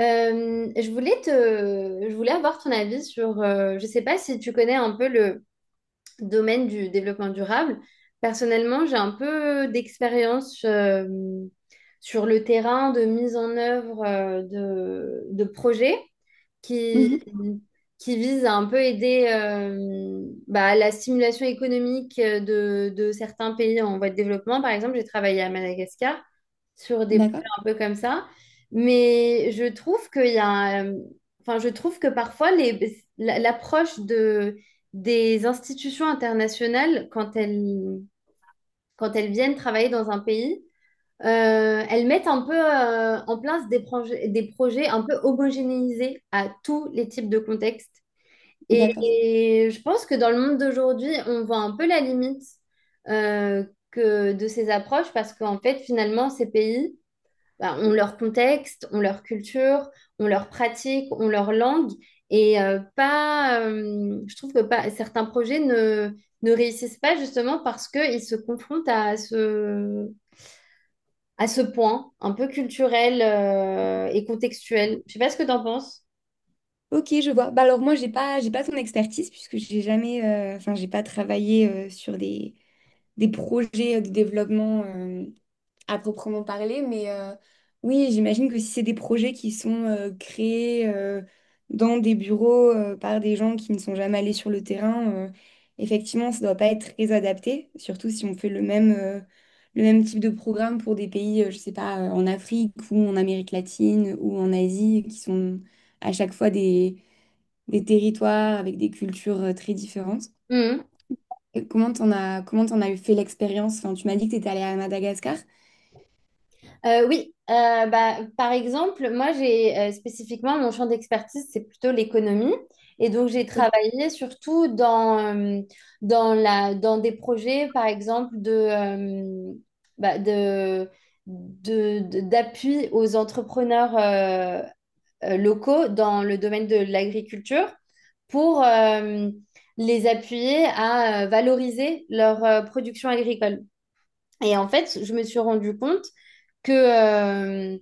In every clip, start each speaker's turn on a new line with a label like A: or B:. A: Je voulais avoir ton avis sur, je sais pas si tu connais un peu le domaine du développement durable. Personnellement, j'ai un peu d'expérience sur le terrain de mise en œuvre de projets qui,
B: Mhm.
A: qui visent à un peu aider bah, la stimulation économique de certains pays en voie de développement. Par exemple, j'ai travaillé à Madagascar sur des projets
B: D'accord,
A: un peu comme ça. Mais je trouve qu'il y a, enfin, je trouve que parfois l'approche des institutions internationales, quand elles viennent travailler dans un pays, elles mettent un peu en place des projets un peu homogénéisés à tous les types de contextes.
B: d'accord.
A: Et je pense que dans le monde d'aujourd'hui, on voit un peu la limite euh, que de ces approches parce qu'en fait, finalement, ces pays, bah, ont leur contexte, ont leur culture, ont leur pratique, ont leur langue. Et pas, je trouve que pas, certains projets ne réussissent pas justement parce qu'ils se confrontent à ce point un peu culturel et contextuel. Je sais pas ce que tu en penses.
B: Ok, je vois. Bah alors moi, j'ai pas ton expertise puisque j'ai jamais, enfin, j'ai pas travaillé sur des projets de développement à proprement parler, mais oui, j'imagine que si c'est des projets qui sont créés dans des bureaux par des gens qui ne sont jamais allés sur le terrain, effectivement, ça ne doit pas être très adapté, surtout si on fait le même type de programme pour des pays, je sais pas, en Afrique ou en Amérique latine ou en Asie, qui sont à chaque fois des territoires avec des cultures très différentes. Et comment t'en as eu fait l'expérience? Enfin, tu m'as dit que tu étais allée à Madagascar.
A: Oui, bah, par exemple, moi j'ai spécifiquement mon champ d'expertise, c'est plutôt l'économie. Et donc j'ai travaillé surtout dans des projets, par exemple, bah, d'appui aux entrepreneurs locaux dans le domaine de l'agriculture pour les appuyer à valoriser leur production agricole. Et en fait, je me suis rendu compte que, euh,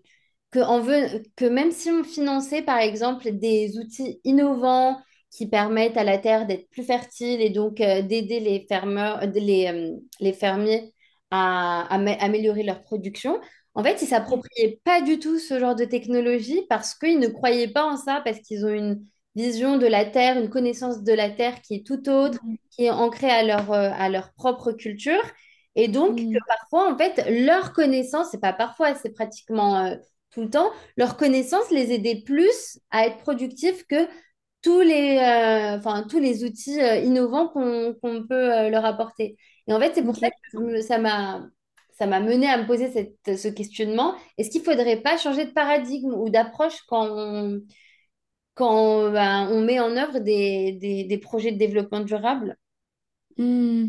A: que même si on finançait, par exemple, des outils innovants qui permettent à la terre d'être plus fertile et donc d'aider les fermiers à améliorer leur production, en fait, ils s'appropriaient pas du tout ce genre de technologie parce qu'ils ne croyaient pas en ça, parce qu'ils ont une vision de la terre, une connaissance de la terre qui est tout autre,
B: Toi.
A: qui est ancrée à à leur propre culture. Et donc, que
B: Hmm.
A: parfois, en fait, leur connaissance, c'est pas parfois, c'est pratiquement tout le temps, leur connaissance les aidait plus à être productifs que enfin, tous les outils innovants qu'on peut leur apporter. Et en fait, c'est pour ça
B: Ok.
A: que ça m'a mené à me poser ce questionnement. Est-ce qu'il ne faudrait pas changer de paradigme ou d'approche quand on, ben, on met en œuvre des projets de développement durable?
B: Hmm.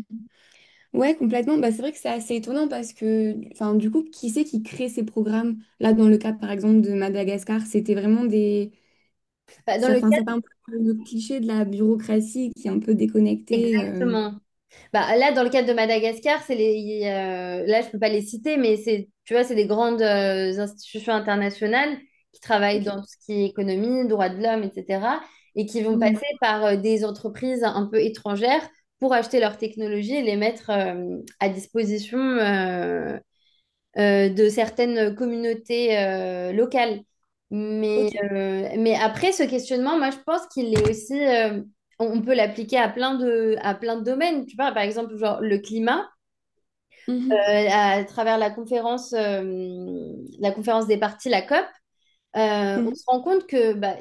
B: Ouais, complètement. Bah, c'est vrai que c'est assez étonnant parce que, enfin, du coup, qui c'est qui crée ces programmes? Là, dans le cas, par exemple, de Madagascar, c'était vraiment des...
A: Enfin, dans
B: Ça,
A: le
B: enfin, ça fait
A: cadre,
B: un peu le cliché de la bureaucratie qui est un peu déconnectée.
A: exactement. Bah, là, dans le cadre de Madagascar, c'est là, je peux pas les citer, mais c'est, tu vois, c'est des grandes institutions internationales qui travaillent
B: Ok.
A: dans tout ce qui est économie, droits de l'homme, etc., et qui vont
B: Hmm.
A: passer par des entreprises un peu étrangères pour acheter leurs technologies et les mettre à disposition de certaines communautés locales. Mais,
B: Ok.
A: euh, mais après, ce questionnement, moi, je pense qu'il est aussi, on peut l'appliquer à plein de domaines. Tu vois, par exemple, genre le climat, euh,
B: Mhm.
A: à travers la conférence des parties, la COP, on
B: Mhm.
A: se rend compte que bah,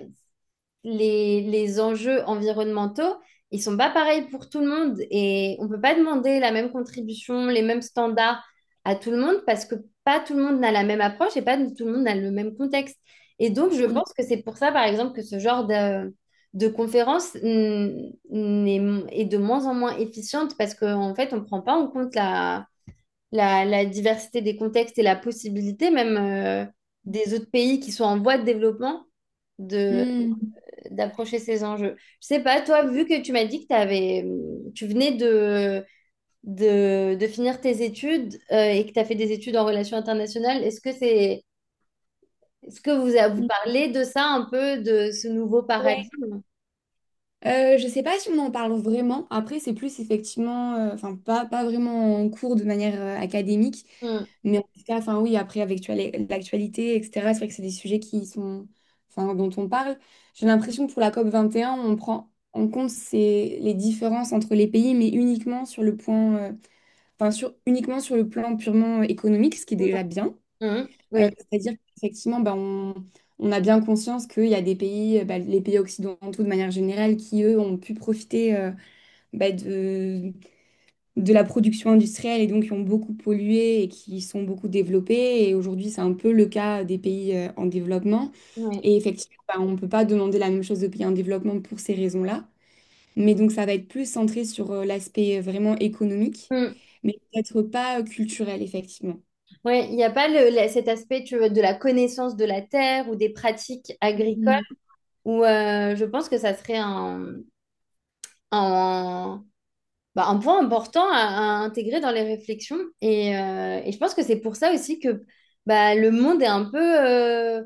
A: les enjeux environnementaux, ils sont pas pareils pour tout le monde et on peut pas demander la même contribution, les mêmes standards à tout le monde parce que pas tout le monde n'a la même approche et pas tout le monde n'a le même contexte. Et donc, je pense que c'est pour ça, par exemple, que ce genre de conférence est de moins en moins efficiente parce qu'en fait, on ne prend pas en compte la diversité des contextes et la possibilité même des autres pays qui sont en voie de développement de
B: Mhm.
A: d'approcher ces enjeux. Je sais pas, toi, vu que tu m'as dit que tu venais de finir tes études et que tu as fait des études en relations internationales, est-ce que vous parlez de ça un peu, de ce nouveau
B: Hmm.
A: paradigme?
B: Je sais pas si on en parle vraiment. Après, c'est plus effectivement, enfin pas, pas vraiment en cours de manière académique,
A: Mm,
B: mais en tout cas, enfin oui, après avec tu as les- l'actualité, etc. C'est vrai que c'est des sujets qui sont, enfin dont on parle. J'ai l'impression que pour la COP 21, on prend en compte ces, les différences entre les pays, mais uniquement sur le point, enfin sur uniquement sur le plan purement économique, ce qui est déjà bien.
A: mm, oui,
B: C'est-à-dire qu'effectivement, bah, on a bien conscience qu'il y a des pays, bah, les pays occidentaux de manière générale, qui, eux, ont pu profiter bah, de la production industrielle et donc qui ont beaucoup pollué et qui sont beaucoup développés. Et aujourd'hui, c'est un peu le cas des pays en développement.
A: oui.
B: Et effectivement, bah, on ne peut pas demander la même chose aux pays en développement pour ces raisons-là. Mais donc, ça va être plus centré sur l'aspect vraiment économique,
A: Mm.
B: mais peut-être pas culturel, effectivement.
A: Ouais, il n'y a pas cet aspect tu vois, de la connaissance de la terre ou des pratiques agricoles
B: Mhm.
A: où je pense que ça serait un, bah, un point important à intégrer dans les réflexions. Et je pense que c'est pour ça aussi que bah, le monde est un peu euh,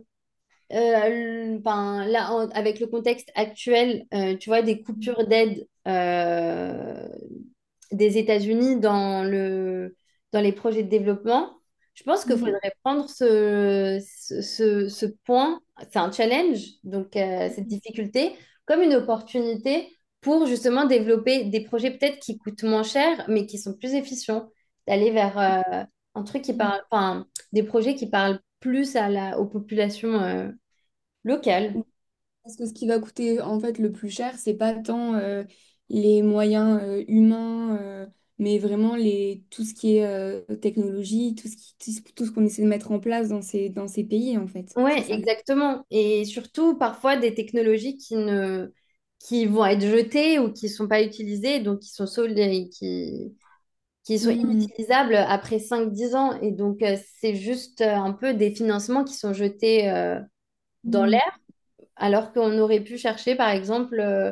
A: euh, ben, là, avec le contexte actuel, tu vois, des coupures d'aide des États-Unis dans les projets de développement, je pense qu'il
B: Mhm.
A: faudrait prendre ce point, c'est un challenge, donc cette difficulté, comme une opportunité pour justement développer des projets peut-être qui coûtent moins cher, mais qui sont plus efficients, d'aller vers un truc qui
B: Mhm.
A: parle, enfin, des projets qui parlent plus à aux populations. Local.
B: Parce que ce qui va coûter en fait le plus cher, c'est pas tant les moyens humains, mais vraiment les, tout ce qui est technologie, tout ce qui, tout ce qu'on essaie de mettre en place dans ces pays, en fait. C'est
A: Ouais,
B: ça.
A: exactement. Et surtout, parfois, des technologies qui ne, qui vont être jetées ou qui ne sont pas utilisées, donc qui sont solides et qui sont
B: Mm,
A: inutilisables après 5-10 ans. Et donc, c'est juste un peu des financements qui sont jetés dans
B: mm,
A: l'air, alors qu'on aurait pu chercher, par exemple, euh,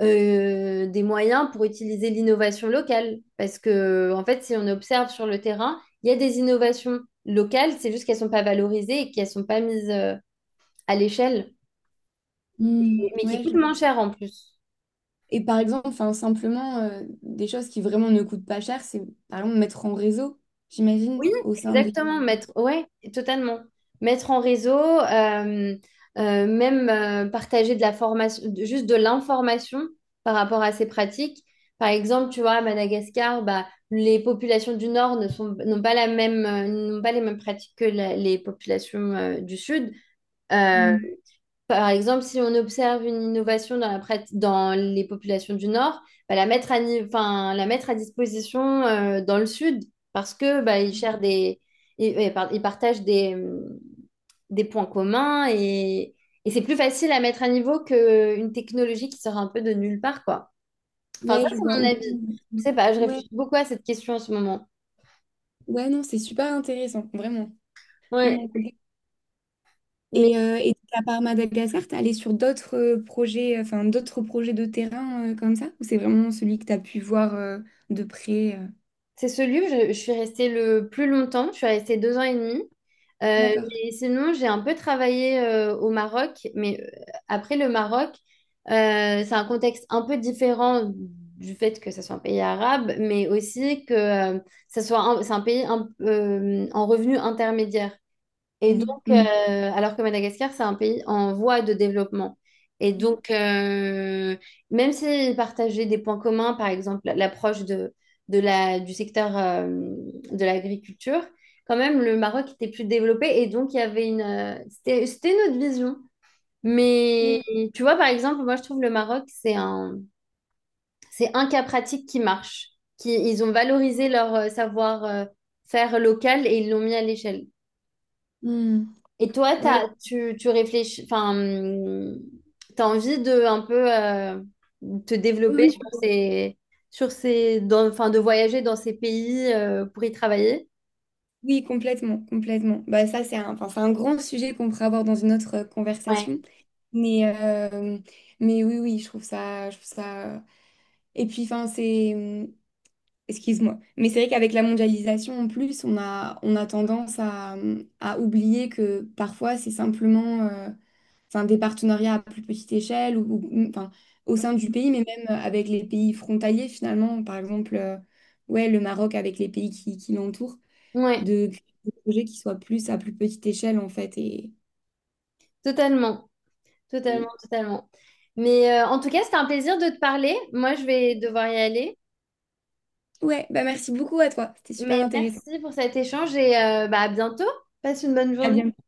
A: euh, des moyens pour utiliser l'innovation locale. Parce que, en fait, si on observe sur le terrain, il y a des innovations locales, c'est juste qu'elles ne sont pas valorisées et qu'elles ne sont pas mises à l'échelle,
B: mm.
A: mais qui
B: Ouais, je
A: coûte
B: vois.
A: moins cher en plus.
B: Et par exemple, enfin, simplement, des choses qui vraiment ne coûtent pas cher, c'est par exemple mettre en réseau, j'imagine,
A: Oui,
B: au sein des...
A: exactement, ouais, totalement. Mettre en réseau, même partager de la formation, juste de l'information par rapport à ces pratiques. Par exemple, tu vois, à Madagascar, bah, les populations du Nord ne sont, n'ont pas la même, n'ont pas les mêmes pratiques que les populations du Sud. Euh,
B: Mm.
A: Par exemple, si on observe une innovation dans les populations du Nord, bah, la mettre à, ni- enfin, la mettre à disposition dans le Sud parce que bah, ils cherchent des, ils, par- ils partagent des points communs et c'est plus facile à mettre à niveau qu'une technologie qui sort un peu de nulle part, quoi. Enfin, ça,
B: Ouais, je
A: c'est
B: vois.
A: mon
B: Ou-
A: avis. Je sais pas, je
B: Ouais,
A: réfléchis beaucoup à cette question en ce moment.
B: ouais, non, c'est super intéressant, vraiment. Non,
A: Ouais.
B: non.
A: Mais
B: Et donc, à part Madagascar, t'es allé sur d'autres projets, enfin d'autres projets de terrain comme ça? Ou c'est vraiment celui que t'as pu voir de près?
A: c'est ce livre, je suis restée le plus longtemps, je suis restée 2 ans et demi.
B: D'accord.
A: Mais sinon, j'ai un peu travaillé au Maroc, mais après le Maroc, c'est un contexte un peu différent du fait que ça soit un pays arabe, mais aussi que c'est un pays en revenu intermédiaire. Et
B: Oui.
A: donc,
B: Mm.
A: alors que Madagascar, c'est un pays en voie de développement. Et
B: Oui.
A: donc, même s'ils partageaient des points communs, par exemple l'approche du secteur de l'agriculture, quand même, le Maroc était plus développé. Et donc, il y avait une. C'était notre vision. Mais
B: Mm.
A: tu vois, par exemple, moi, je trouve le Maroc, c'est un cas pratique qui marche. Ils ont valorisé leur savoir-faire local et ils l'ont mis à l'échelle.
B: Mm.
A: Et toi,
B: Ouais.
A: tu réfléchis, enfin, tu as envie de un peu te développer
B: Oui, oui.
A: enfin, de voyager dans ces pays pour y travailler?
B: Oui, complètement, complètement. Bah, ça, c'est un, enfin, c'est un grand sujet qu'on pourrait avoir dans une autre
A: Ouais,
B: conversation. Mais, euh, mais oui, oui, je trouve ça, je trouve ça. Et puis, enfin, c'est, excuse-moi. Mais c'est vrai qu'avec la mondialisation, en plus, on a tendance à oublier que parfois, c'est simplement enfin, des partenariats à plus petite échelle ou- enfin, au sein du pays, mais même avec les pays frontaliers, finalement. Par exemple, ouais, le Maroc avec les pays qui l'entourent,
A: ouais,
B: de créer des projets qui soient plus à plus petite échelle, en fait.
A: totalement, totalement,
B: Et-
A: totalement. Mais en tout cas, c'était un plaisir de te parler. Moi, je vais devoir y aller.
B: Ouais, bah merci beaucoup à toi. C'était super
A: Mais
B: intéressant.
A: merci pour cet échange et bah, à bientôt. Passe une bonne
B: À
A: journée.
B: bientôt.